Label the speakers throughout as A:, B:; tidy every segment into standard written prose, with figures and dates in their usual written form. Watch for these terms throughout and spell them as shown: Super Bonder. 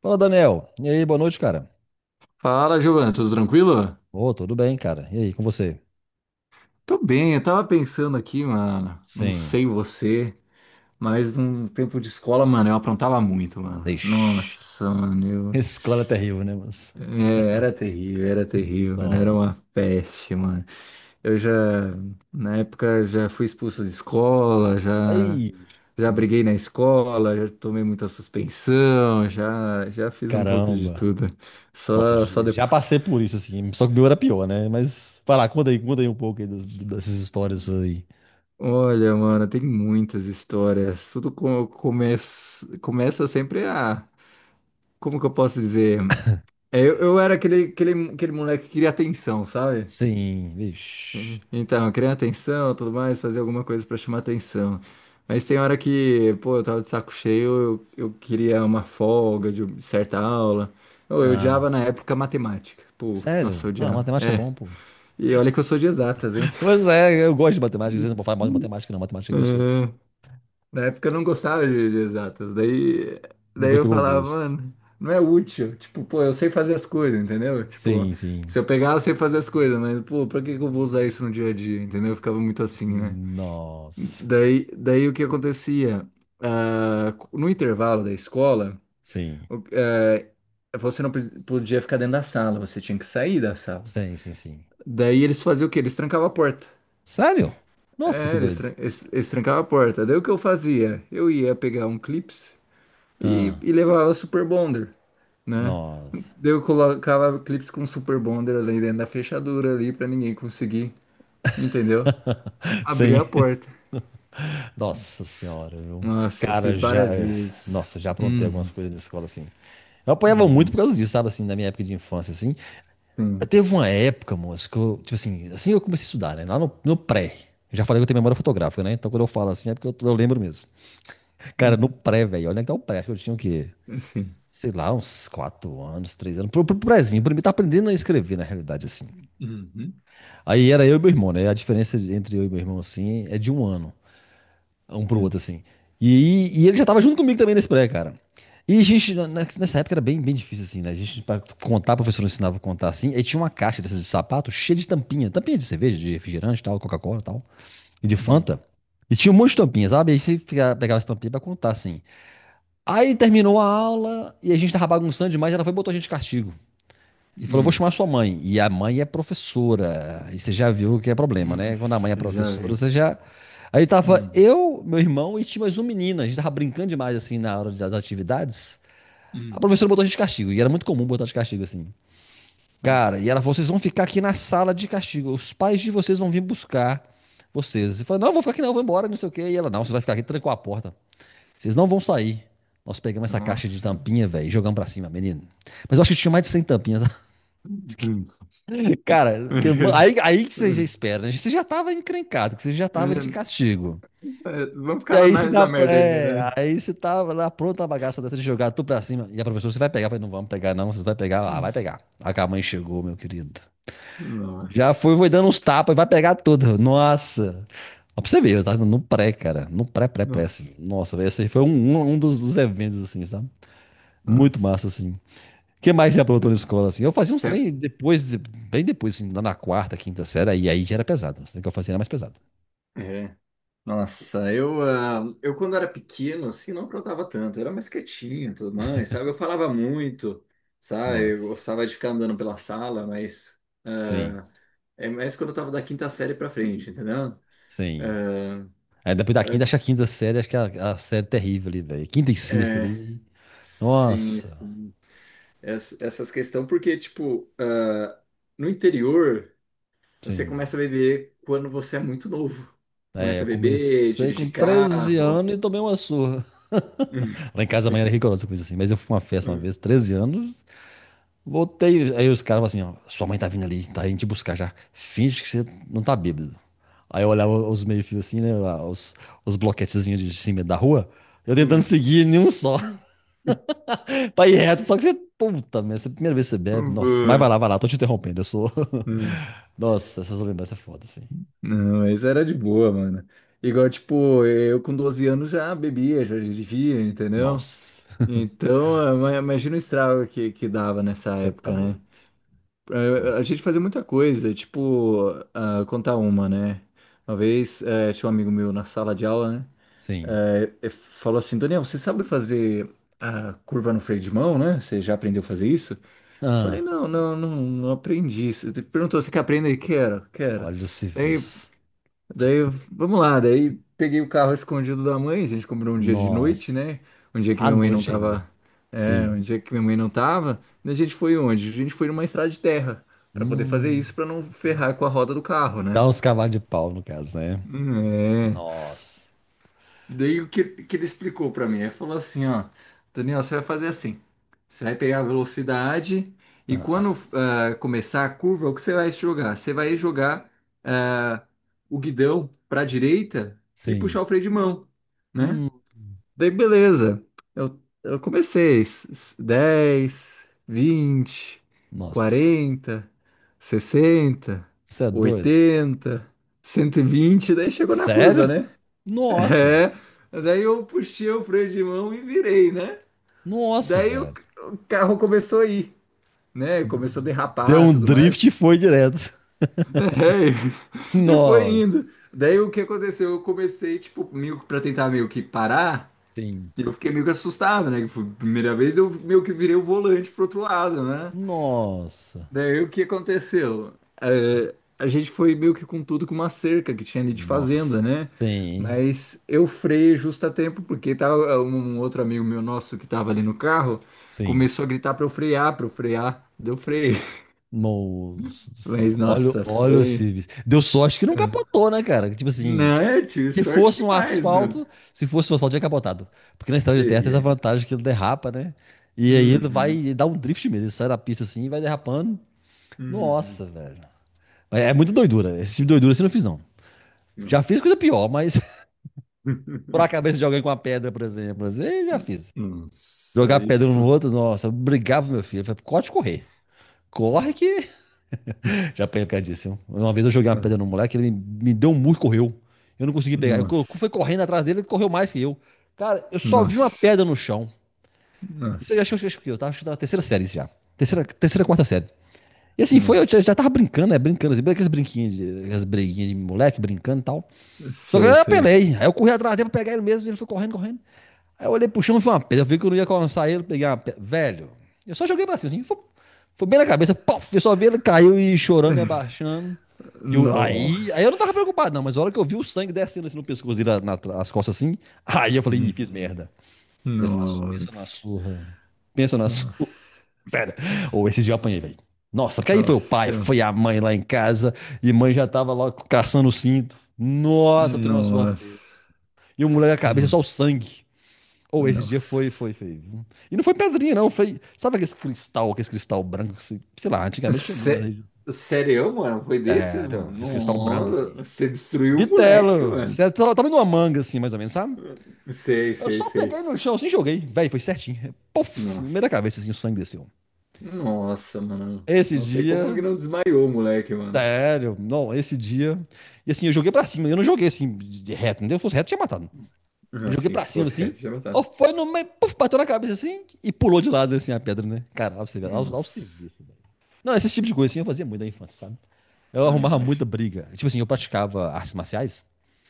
A: Fala, Daniel. E aí, boa noite, cara.
B: Fala, Giovana, tudo tranquilo?
A: Ô, tudo bem, cara. E aí, com você?
B: Tô bem, eu tava pensando aqui, mano. Não
A: Sim.
B: sei você, mas num tempo de escola, mano, eu aprontava muito, mano.
A: Ixi.
B: Nossa, mano, eu.
A: Escola é terrível, né, mas...
B: É, era terrível, mano. Era
A: Nossa.
B: uma peste, mano. Eu já, na época, já fui expulso de escola, já,
A: Ai,
B: já briguei
A: nossa.
B: na escola, já tomei muita suspensão, já, já fiz um pouco de
A: Caramba.
B: tudo.
A: Nossa,
B: Só
A: já
B: depois.
A: passei por isso, assim. Só que o meu era pior, né? Mas, vai lá, conta aí um pouco aí dessas histórias suas aí.
B: Olha, mano, tem muitas histórias. Tudo começa sempre a. Como que eu posso dizer? É, eu era aquele moleque que queria atenção, sabe?
A: Sim, vixi.
B: Então, eu queria atenção, tudo mais, fazer alguma coisa pra chamar atenção. Mas tem hora que, pô, eu tava de saco cheio, eu queria uma folga de certa aula. Ou eu odiava na
A: Nossa.
B: época matemática. Pô, nossa, eu
A: Sério? Ah,
B: odiava.
A: matemática é
B: É.
A: bom, pô.
B: E olha que eu sou de exatas, hein?
A: Pois é, eu gosto de matemática. Vocês não podem falar mal de matemática, não. Matemática é gostoso.
B: Na época eu não gostava de exatas. Daí
A: Depois
B: eu
A: pegou o
B: falava,
A: gosto.
B: mano, não é útil. Tipo, pô, eu sei fazer as coisas, entendeu? Tipo,
A: Sim, sim.
B: se eu pegar, eu sei fazer as coisas, mas, pô, pra que que eu vou usar isso no dia a dia, entendeu? Eu ficava muito assim, né?
A: Nossa.
B: Daí o que acontecia? Ah, no intervalo da escola,
A: Sim,
B: o- eh, você não podia ficar dentro da sala, você tinha que sair da sala.
A: sim, sim, sim.
B: Daí eles faziam o quê? Eles trancavam a porta.
A: Sério? Nossa, que
B: É, eles,
A: doido.
B: tran- eles, eles trancavam a porta. Daí o que eu fazia? Eu ia pegar um clips e,
A: Ah,
B: e levava Super Bonder, né?
A: nossa.
B: Daí eu colocava clips com Super Bonder ali dentro da fechadura ali pra ninguém conseguir, entendeu? Abrir
A: Sim.
B: a porta.
A: Nossa senhora, viu?
B: Nossa, eu
A: Cara,
B: fiz
A: já.
B: várias vezes.
A: Nossa, já aprontei
B: Uhum.
A: algumas coisas na escola assim. Eu apanhava
B: Não,
A: muito por causa disso, sabe, assim, na minha época de infância, assim. Eu
B: sim.
A: teve uma época, moço, que eu, tipo assim, assim que eu comecei a estudar, né? Lá no pré. Eu já falei que eu tenho memória fotográfica, né? Então quando eu falo assim é porque eu lembro mesmo. Cara,
B: Hum.
A: no pré, velho, olha que tá o pré, acho que eu tinha o quê?
B: Assim.
A: Sei lá, uns 4 anos, 3 anos. Pro prézinho, pra mim tá aprendendo a escrever, na realidade, assim.
B: Uhum.
A: Aí era eu e meu irmão, né? A diferença entre eu e meu irmão, assim, é de um ano, um pro outro,
B: Sim.
A: assim. E ele já tava junto comigo também nesse pré, cara. E a gente, nessa época era bem, bem difícil, assim, né? A gente, pra contar, a professora ensinava a contar assim. E tinha uma caixa dessas de sapato cheia de tampinha. Tampinha de cerveja, de refrigerante e tal, Coca-Cola e tal. E de
B: Hum.
A: Fanta. E tinha um monte de tampinha, sabe? Aí pegava essa tampinha pra contar, assim. Aí terminou a aula e a gente tava bagunçando demais. Ela foi e botou a gente de castigo. E falou, vou chamar sua
B: Nossa.
A: mãe. E a mãe é professora. E você já viu que é problema, né? Quando a mãe é
B: Nossa, já
A: professora,
B: vi.
A: você já. Aí tava
B: Hum.
A: eu, meu irmão e tinha mais um menina. A gente tava brincando demais, assim, na hora das atividades. A
B: Hum.
A: professora botou a gente de castigo. E era muito comum botar de castigo, assim. Cara, e
B: Nossa.
A: ela falou, vocês vão ficar aqui na sala de castigo. Os pais de vocês vão vir buscar vocês. Eu falei, não, eu vou ficar aqui não, eu vou embora, não sei o quê. E ela, não, você vai ficar aqui, trancou a porta. Vocês não vão sair. Nós pegamos essa caixa de
B: Nossa.
A: tampinha, velho, e jogamos pra cima, menino. Mas eu acho que tinha mais de 100 tampinhas.
B: Hum.
A: Cara, aí, aí que você já espera, né? Você já tava encrencado, que você já tava de
B: É,
A: castigo.
B: vamos
A: E
B: ficar na
A: aí
B: mais da merda ainda, né?
A: aí você tava lá pronto a bagaça dessa de jogar tudo pra cima. E a professora, você vai pegar? Eu falei, não vamos pegar, não. Você vai pegar? Ah, vai pegar. Aí que a mãe chegou, meu querido. Já
B: Nossa,
A: foi, foi dando uns tapas, vai pegar tudo. Nossa. Ó, pra você ver, eu tava no pré, cara. No pré, pré, pré,
B: nossa,
A: assim. Nossa, velho, esse aí foi um dos eventos, assim, sabe? Muito massa,
B: nossa.
A: assim. O que mais você aprontou na escola, assim? Eu fazia uns
B: Se-
A: trem depois, bem depois, assim, lá na quarta, quinta série, e aí já era pesado. Os trem que eu fazia era mais pesado.
B: É, nossa, eu quando era pequeno, assim, não aprontava tanto, eu era mais quietinho e tudo mais, sabe? Eu falava muito, sabe? Eu
A: Nossa.
B: gostava de ficar andando pela sala, mas
A: Sim,
B: é mais quando eu tava da quinta série pra frente, entendeu?
A: sim.
B: Ah,
A: Aí depois da quinta, acho que a quinta série, acho que é a série terrível ali, velho. Quinta e
B: é,
A: sexta
B: é,
A: ali.
B: sim,
A: Nossa,
B: sim. Essas questões, porque, tipo, no interior. Você
A: sim.
B: começa a beber quando você é muito novo.
A: É,
B: Começa
A: eu
B: a beber,
A: comecei com
B: dirigir
A: 13
B: carro.
A: anos e tomei uma surra.
B: Hum,
A: Lá em casa a mãe era rigorosa com isso assim, mas eu fui pra uma festa uma
B: hum,
A: vez, 13 anos, voltei. Aí os caras falaram assim, ó, sua mãe tá vindo ali, tá indo te buscar já. Finge que você não tá bêbado. Aí eu olhava os meio-fios assim, né? Lá, os bloquetezinhos de cima da rua. Eu tentando
B: hum,
A: seguir nenhum só. Pra ir reto, só que você. Puta merda, essa é a primeira vez que você bebe. Nossa, mas
B: Boa.
A: vai lá, tô te interrompendo. Eu sou.
B: Hum.
A: Nossa, essas lembranças é foda, assim.
B: Não, mas era de boa, mano. Igual, tipo, eu com 12 anos já bebia, já dirigia, entendeu?
A: Nossa,
B: Então, imagina o estrago que dava nessa
A: você tá
B: época, né?
A: doido.
B: A
A: Nossa.
B: gente fazia muita coisa, tipo, contar uma, né? Uma vez, tinha um amigo meu na sala de aula, né?
A: Sim.
B: É, é, falou assim, Daniel, você sabe fazer a curva no freio de mão, né? Você já aprendeu a fazer isso? Falei,
A: Ah,
B: não, não, não, não aprendi. Você perguntou, você quer aprender? Quero, quero.
A: olha o
B: Daí,
A: serviço.
B: daí, vamos lá. Daí peguei o carro escondido da mãe, a gente comprou um dia de noite,
A: Nossa.
B: né? Um dia que
A: À
B: minha mãe não
A: noite ainda.
B: tava, é,
A: Sim.
B: um dia que minha mãe não tava. Daí a gente foi onde? A gente foi numa estrada de terra, pra poder fazer
A: Hum.
B: isso, pra não ferrar com a roda do carro, né?
A: Dá uns cavalos de pau, no caso, né?
B: Hum. É.
A: Nossa.
B: Daí o que, que ele explicou para mim? Ele falou assim, ó, Daniel, você vai fazer assim. Você vai pegar a velocidade e
A: Ah,
B: quando começar a curva, o que você vai jogar? Você vai jogar ah, o guidão para a direita e
A: sim.
B: puxar o freio de mão, né?
A: Hum,
B: Daí beleza. Eu comecei 10, 20,
A: nossa.
B: 40, 60,
A: Você é doido?
B: 80, 120. Daí chegou na curva,
A: Sério?
B: né?
A: Nossa.
B: É, daí eu puxei o freio de mão e virei, né?
A: Nossa,
B: Daí o,
A: velho.
B: o carro começou a ir, né? Começou a
A: Deu
B: derrapar e
A: um
B: tudo
A: drift
B: mais.
A: e foi direto.
B: É, e foi
A: Nossa.
B: indo. Daí o que aconteceu? Eu comecei, tipo, meio que pra tentar meio que parar.
A: Sim.
B: E eu fiquei meio que assustado, né? Que foi a primeira vez eu meio que virei o volante pro outro lado, né?
A: Nossa.
B: Daí o que aconteceu? Eh, a gente foi meio que com tudo com uma cerca que tinha ali de fazenda,
A: Nossa.
B: né?
A: Sim.
B: Mas eu freiei justo a tempo, porque tava um outro amigo meu nosso que tava ali no carro
A: Sim.
B: começou a gritar pra eu frear, pra eu frear. Deu freio.
A: Moço do céu.
B: Mas
A: Olha,
B: nossa,
A: olha o
B: foi.
A: Civis. Deu sorte que não capotou, né, cara? Tipo assim,
B: Não, eu tive
A: se
B: sorte
A: fosse um
B: demais, né?
A: asfalto, se fosse um asfalto, tinha capotado. Porque na estrada de terra tem essa
B: Teria.
A: vantagem que ele derrapa, né? E aí ele
B: Uhum,
A: vai dar um drift mesmo. Ele sai da pista assim e vai derrapando. Nossa,
B: uhum.
A: velho. Mas é muito doidura. Esse tipo de doidura assim eu não fiz, não. Já fiz coisa
B: Nossa.
A: pior, mas furar a cabeça de alguém com uma pedra, por exemplo. Assim, eu já fiz.
B: Nossa,
A: Jogar pedra um no
B: isso.
A: outro, nossa, eu brigava com meu filho. Eu falei, corre correr. Corre
B: Nossa,
A: que já apanhei por causa disso, viu? Uma vez eu joguei uma pedra no moleque, ele me deu um murro e correu. Eu não consegui pegar. Eu fui
B: nossa.
A: correndo atrás dele, ele correu mais que eu. Cara, eu só vi uma
B: Nossa.
A: pedra no chão. Isso eu acho que eu, acho que
B: Nossa,
A: eu tava, acho que eu tava na terceira série isso já. Terceira, terceira, quarta série. E assim, foi, eu já,
B: nossa,
A: já tava brincando, né? Brincando, assim, aquelas brinquinhas, aquelas breguinhas de moleque, brincando e tal. Só que
B: sei,
A: eu
B: sei.
A: apelei. Aí eu corri atrás dele pra pegar ele mesmo, e ele foi correndo, correndo. Aí eu olhei pro chão e vi uma pedra. Eu vi que eu não ia alcançar ele, peguei uma pedra. Velho, eu só joguei pra cima, assim, foi bem na cabeça, pof, eu só vi ele caiu e chorando e abaixando. E aí eu não tava
B: Nossa.
A: preocupado, não, mas a hora que eu vi o sangue descendo assim no pescoço dele, nas costas assim, aí eu falei, ih,
B: Hum.
A: fiz merda. Pensa na, pensa na
B: Nossa,
A: surra. Pensa na surra.
B: nossa,
A: Pera. Ou esses dias eu apanhei, velho. Nossa, porque aí foi o pai,
B: nossa,
A: foi a mãe lá em casa. E mãe já tava lá caçando o cinto. Nossa, tomei uma surra feia.
B: nossa.
A: E o moleque a cabeça
B: Hum.
A: só o sangue. Ou esse dia foi,
B: Nossa.
A: foi, foi. E não foi pedrinha, não. Foi. Sabe aquele cristal branco? Que se- Sei lá, antigamente tinha muito na
B: Sé-
A: região.
B: Sério, mano? Foi desses,
A: Sério,
B: mano?
A: aquele cristal branco
B: Nossa,
A: assim.
B: você destruiu o moleque,
A: Bitelo.
B: mano.
A: Sério, tava numa manga assim, mais ou menos, sabe?
B: Sei,
A: Eu
B: sei,
A: só peguei
B: sei.
A: no chão assim e joguei. Véi, foi certinho. Puf, no meio da
B: Nossa,
A: cabeça assim, o sangue desceu.
B: nossa, mano.
A: Esse
B: Não sei como que
A: dia,
B: não desmaiou o moleque, mano.
A: sério, não, esse dia. E assim, eu joguei pra cima, eu não joguei assim, de reto, entendeu? Se fosse reto, tinha matado. Eu joguei
B: Assim,
A: pra
B: se
A: cima,
B: fosse
A: assim,
B: reto, já
A: ó
B: matava.
A: foi no meio, puf, bateu na cabeça assim, e pulou de lado, assim, a pedra, né? Caralho, você vê, lá, o
B: Nossa.
A: serviço, velho. Não, esse tipo de coisa, assim, eu fazia muito na infância, sabe? Eu
B: Ai,
A: arrumava muita
B: mas.
A: briga. Tipo assim, eu praticava artes marciais.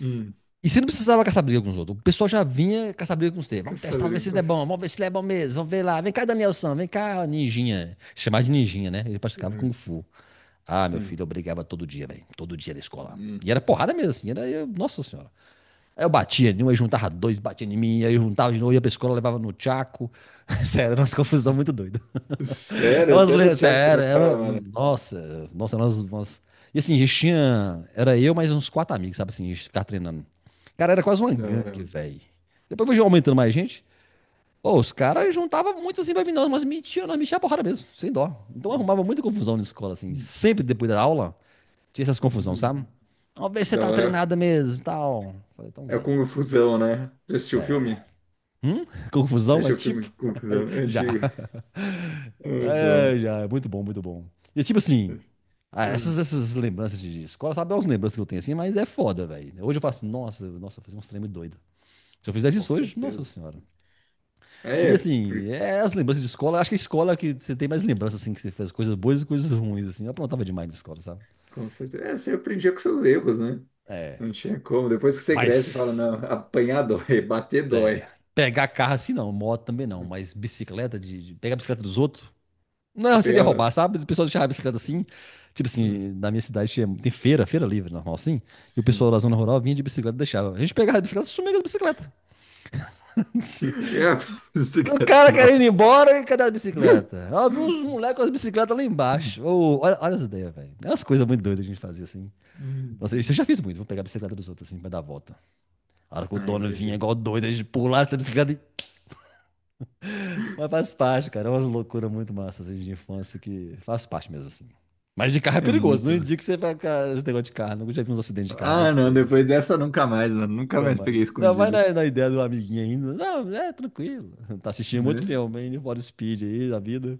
B: Hum.
A: E você não precisava caçar briga com os outros. O pessoal já vinha caçar briga com você.
B: Quer
A: Vamos testar,
B: saber
A: vamos ver
B: o
A: se
B: que
A: ele é
B: você.
A: bom. Vamos ver se ele é bom mesmo. Vamos ver lá. Vem cá, Danielson. Vem cá, ninjinha. Chamar de ninjinha, né? Ele praticava
B: Ah,
A: Kung Fu. Ah, meu
B: sim.
A: filho, eu brigava todo dia, velho. Todo dia na escola.
B: Hum.
A: E era porrada mesmo, assim. Era, nossa senhora. Aí eu batia em um, aí juntava dois, batia em mim, aí eu juntava de novo, ia pra escola, levava no tchaco. Sério, era umas confusão muito doida.
B: Sério, até no
A: É
B: Thiago
A: sério,
B: trabalhava,
A: era,
B: mano.
A: nossa, nossa, nós. E assim, a gente tinha, era eu mais uns quatro amigos, sabe assim, a gente ficava treinando. Cara, era quase uma
B: Que da hora,
A: gangue,
B: mano.
A: velho. Depois foi aumentando mais gente. Pô, os
B: É.
A: caras juntavam muito assim pra vir, nós, mas metiam, nós metia a porrada mesmo, sem dó. Então arrumava muita confusão na escola, assim,
B: Hum.
A: sempre depois da aula, tinha essas confusões, sabe? Vamos ver se
B: Que
A: você
B: da
A: tá
B: hora.
A: treinada mesmo e tal. Falei, então
B: É
A: vem.
B: Confusão, né? Já assistiu o filme?
A: Hum?
B: Já
A: Confusão é
B: assistiu o
A: tipo?
B: filme Confusão? É
A: Já.
B: antigo. Ah,
A: É,
B: muito.
A: já, é muito bom, muito bom. E tipo assim, ah, essas,
B: Hum.
A: essas lembranças de escola, sabe, é umas lembranças que eu tenho assim, mas é foda, velho. Hoje eu faço, nossa, nossa, eu fazia uns treinos doido. Se eu fizesse
B: Com
A: isso hoje, nossa
B: certeza.
A: senhora. E
B: É,
A: assim,
B: por-
A: é as lembranças de escola, acho que a escola é que você tem mais lembranças, assim, que você fez coisas boas e coisas ruins, assim. Eu aprontava demais na escola, sabe?
B: com certeza. É, você aprendia com seus erros, né?
A: É,
B: Não tinha como. Depois que você cresce, você fala,
A: mas,
B: não, apanhar dói, bater dói.
A: é, pegar carro assim não, moto também não, mas bicicleta, de pegar a bicicleta dos outros.
B: Você
A: Não, seria roubar,
B: pegava?
A: sabe? O pessoal deixava a bicicleta assim. Tipo
B: Hum.
A: assim, na minha cidade tinha, tem feira, feira livre, normal assim. E o pessoal
B: Sim.
A: da zona rural vinha de bicicleta e deixava. A gente pegava a bicicleta e sumia com as bicicletas.
B: É, você
A: O
B: quer tá
A: cara
B: na.
A: querendo ir embora e cadê a bicicleta? Ó, vi
B: Uhum.
A: uns moleques com as bicicletas lá embaixo. Ô, olha, olha as ideias, velho. É umas coisas muito doidas que a gente fazia assim. Nossa, isso eu já fiz muito. Vou pegar a bicicleta dos outros assim pra dar a volta. A hora que o
B: Ah,
A: dono vinha
B: imagina.
A: igual doido, a gente pulava essa bicicleta e... Mas faz parte, cara. É umas loucuras muito massas assim, de infância que faz parte mesmo, assim. Mas de carro é
B: É
A: perigoso. Não
B: muito.
A: indico que você vai ficar esse negócio de carro. Nunca já vi uns acidentes de carro
B: Ah,
A: muito
B: não,
A: feio, velho.
B: depois dessa nunca mais, mano. Nunca
A: Nunca
B: mais
A: mais.
B: peguei
A: Não, vai
B: escondido,
A: na ideia do amiguinho ainda. Não, é tranquilo. Tá assistindo muito
B: né?
A: filme, hein? Need Speed aí, da vida.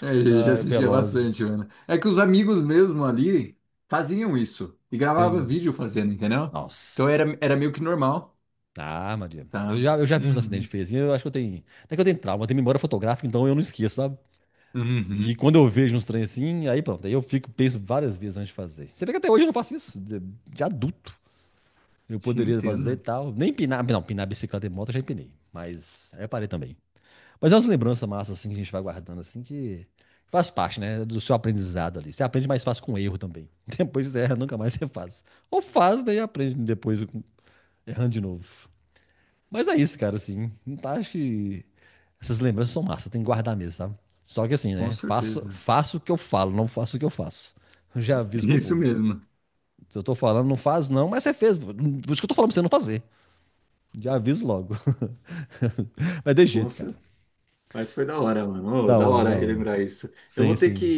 B: É, eu já
A: Ah,
B: assistia bastante,
A: Velozes.
B: mano. É que os amigos mesmo ali faziam isso e gravavam
A: Tem.
B: vídeo fazendo, entendeu? Então
A: Nossa.
B: era meio que normal,
A: Ah, Maria. Eu
B: tá?
A: já, eu já vi uns acidentes
B: Uhum.
A: feios, assim. Eu acho que eu tenho. Até que eu tenho trauma, eu tenho memória fotográfica, então eu não esqueço, sabe?
B: Uhum.
A: E quando eu vejo uns trem assim, aí pronto, aí eu fico, penso várias vezes antes de fazer. Você vê que até hoje eu não faço isso, de adulto. Eu
B: Te
A: poderia fazer e
B: entendo,
A: tal. Nem pinar, não, pinar bicicleta e moto eu já empinei, mas aí eu parei também. Mas é umas lembranças massas assim que a gente vai guardando assim que faz parte, né, do seu aprendizado ali. Você aprende mais fácil com erro também. Depois você erra, nunca mais você faz. Ou faz, daí aprende depois errando de novo. Mas é isso, cara, assim. Não tá, acho que essas lembranças são massa, tem que guardar mesmo, sabe? Só que assim,
B: com
A: né? Faço,
B: certeza.
A: faço o que eu falo, não faço o que eu faço. Eu já aviso pro
B: Isso
A: povo.
B: mesmo.
A: Se eu tô falando, não faz não, mas você fez. Por isso que eu tô falando pra você não fazer. Já aviso logo. Mas de
B: Com
A: jeito, cara.
B: certeza. Mas foi da hora, mano. Ô,
A: Da
B: da
A: hora,
B: hora
A: da hora.
B: relembrar isso. Eu vou
A: Sim,
B: ter que
A: sim.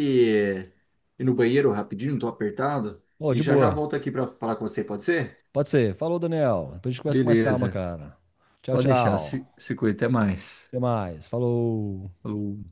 B: ir no banheiro rapidinho, tô apertado.
A: Ô,
B: E
A: de
B: já já
A: boa.
B: volto aqui pra falar com você, pode ser?
A: Pode ser. Falou, Daniel. Depois a gente conversa com mais calma,
B: Beleza.
A: cara. Tchau,
B: Pode deixar. Se,
A: tchau.
B: se cuida. Até mais.
A: Até mais. Falou.
B: Falou.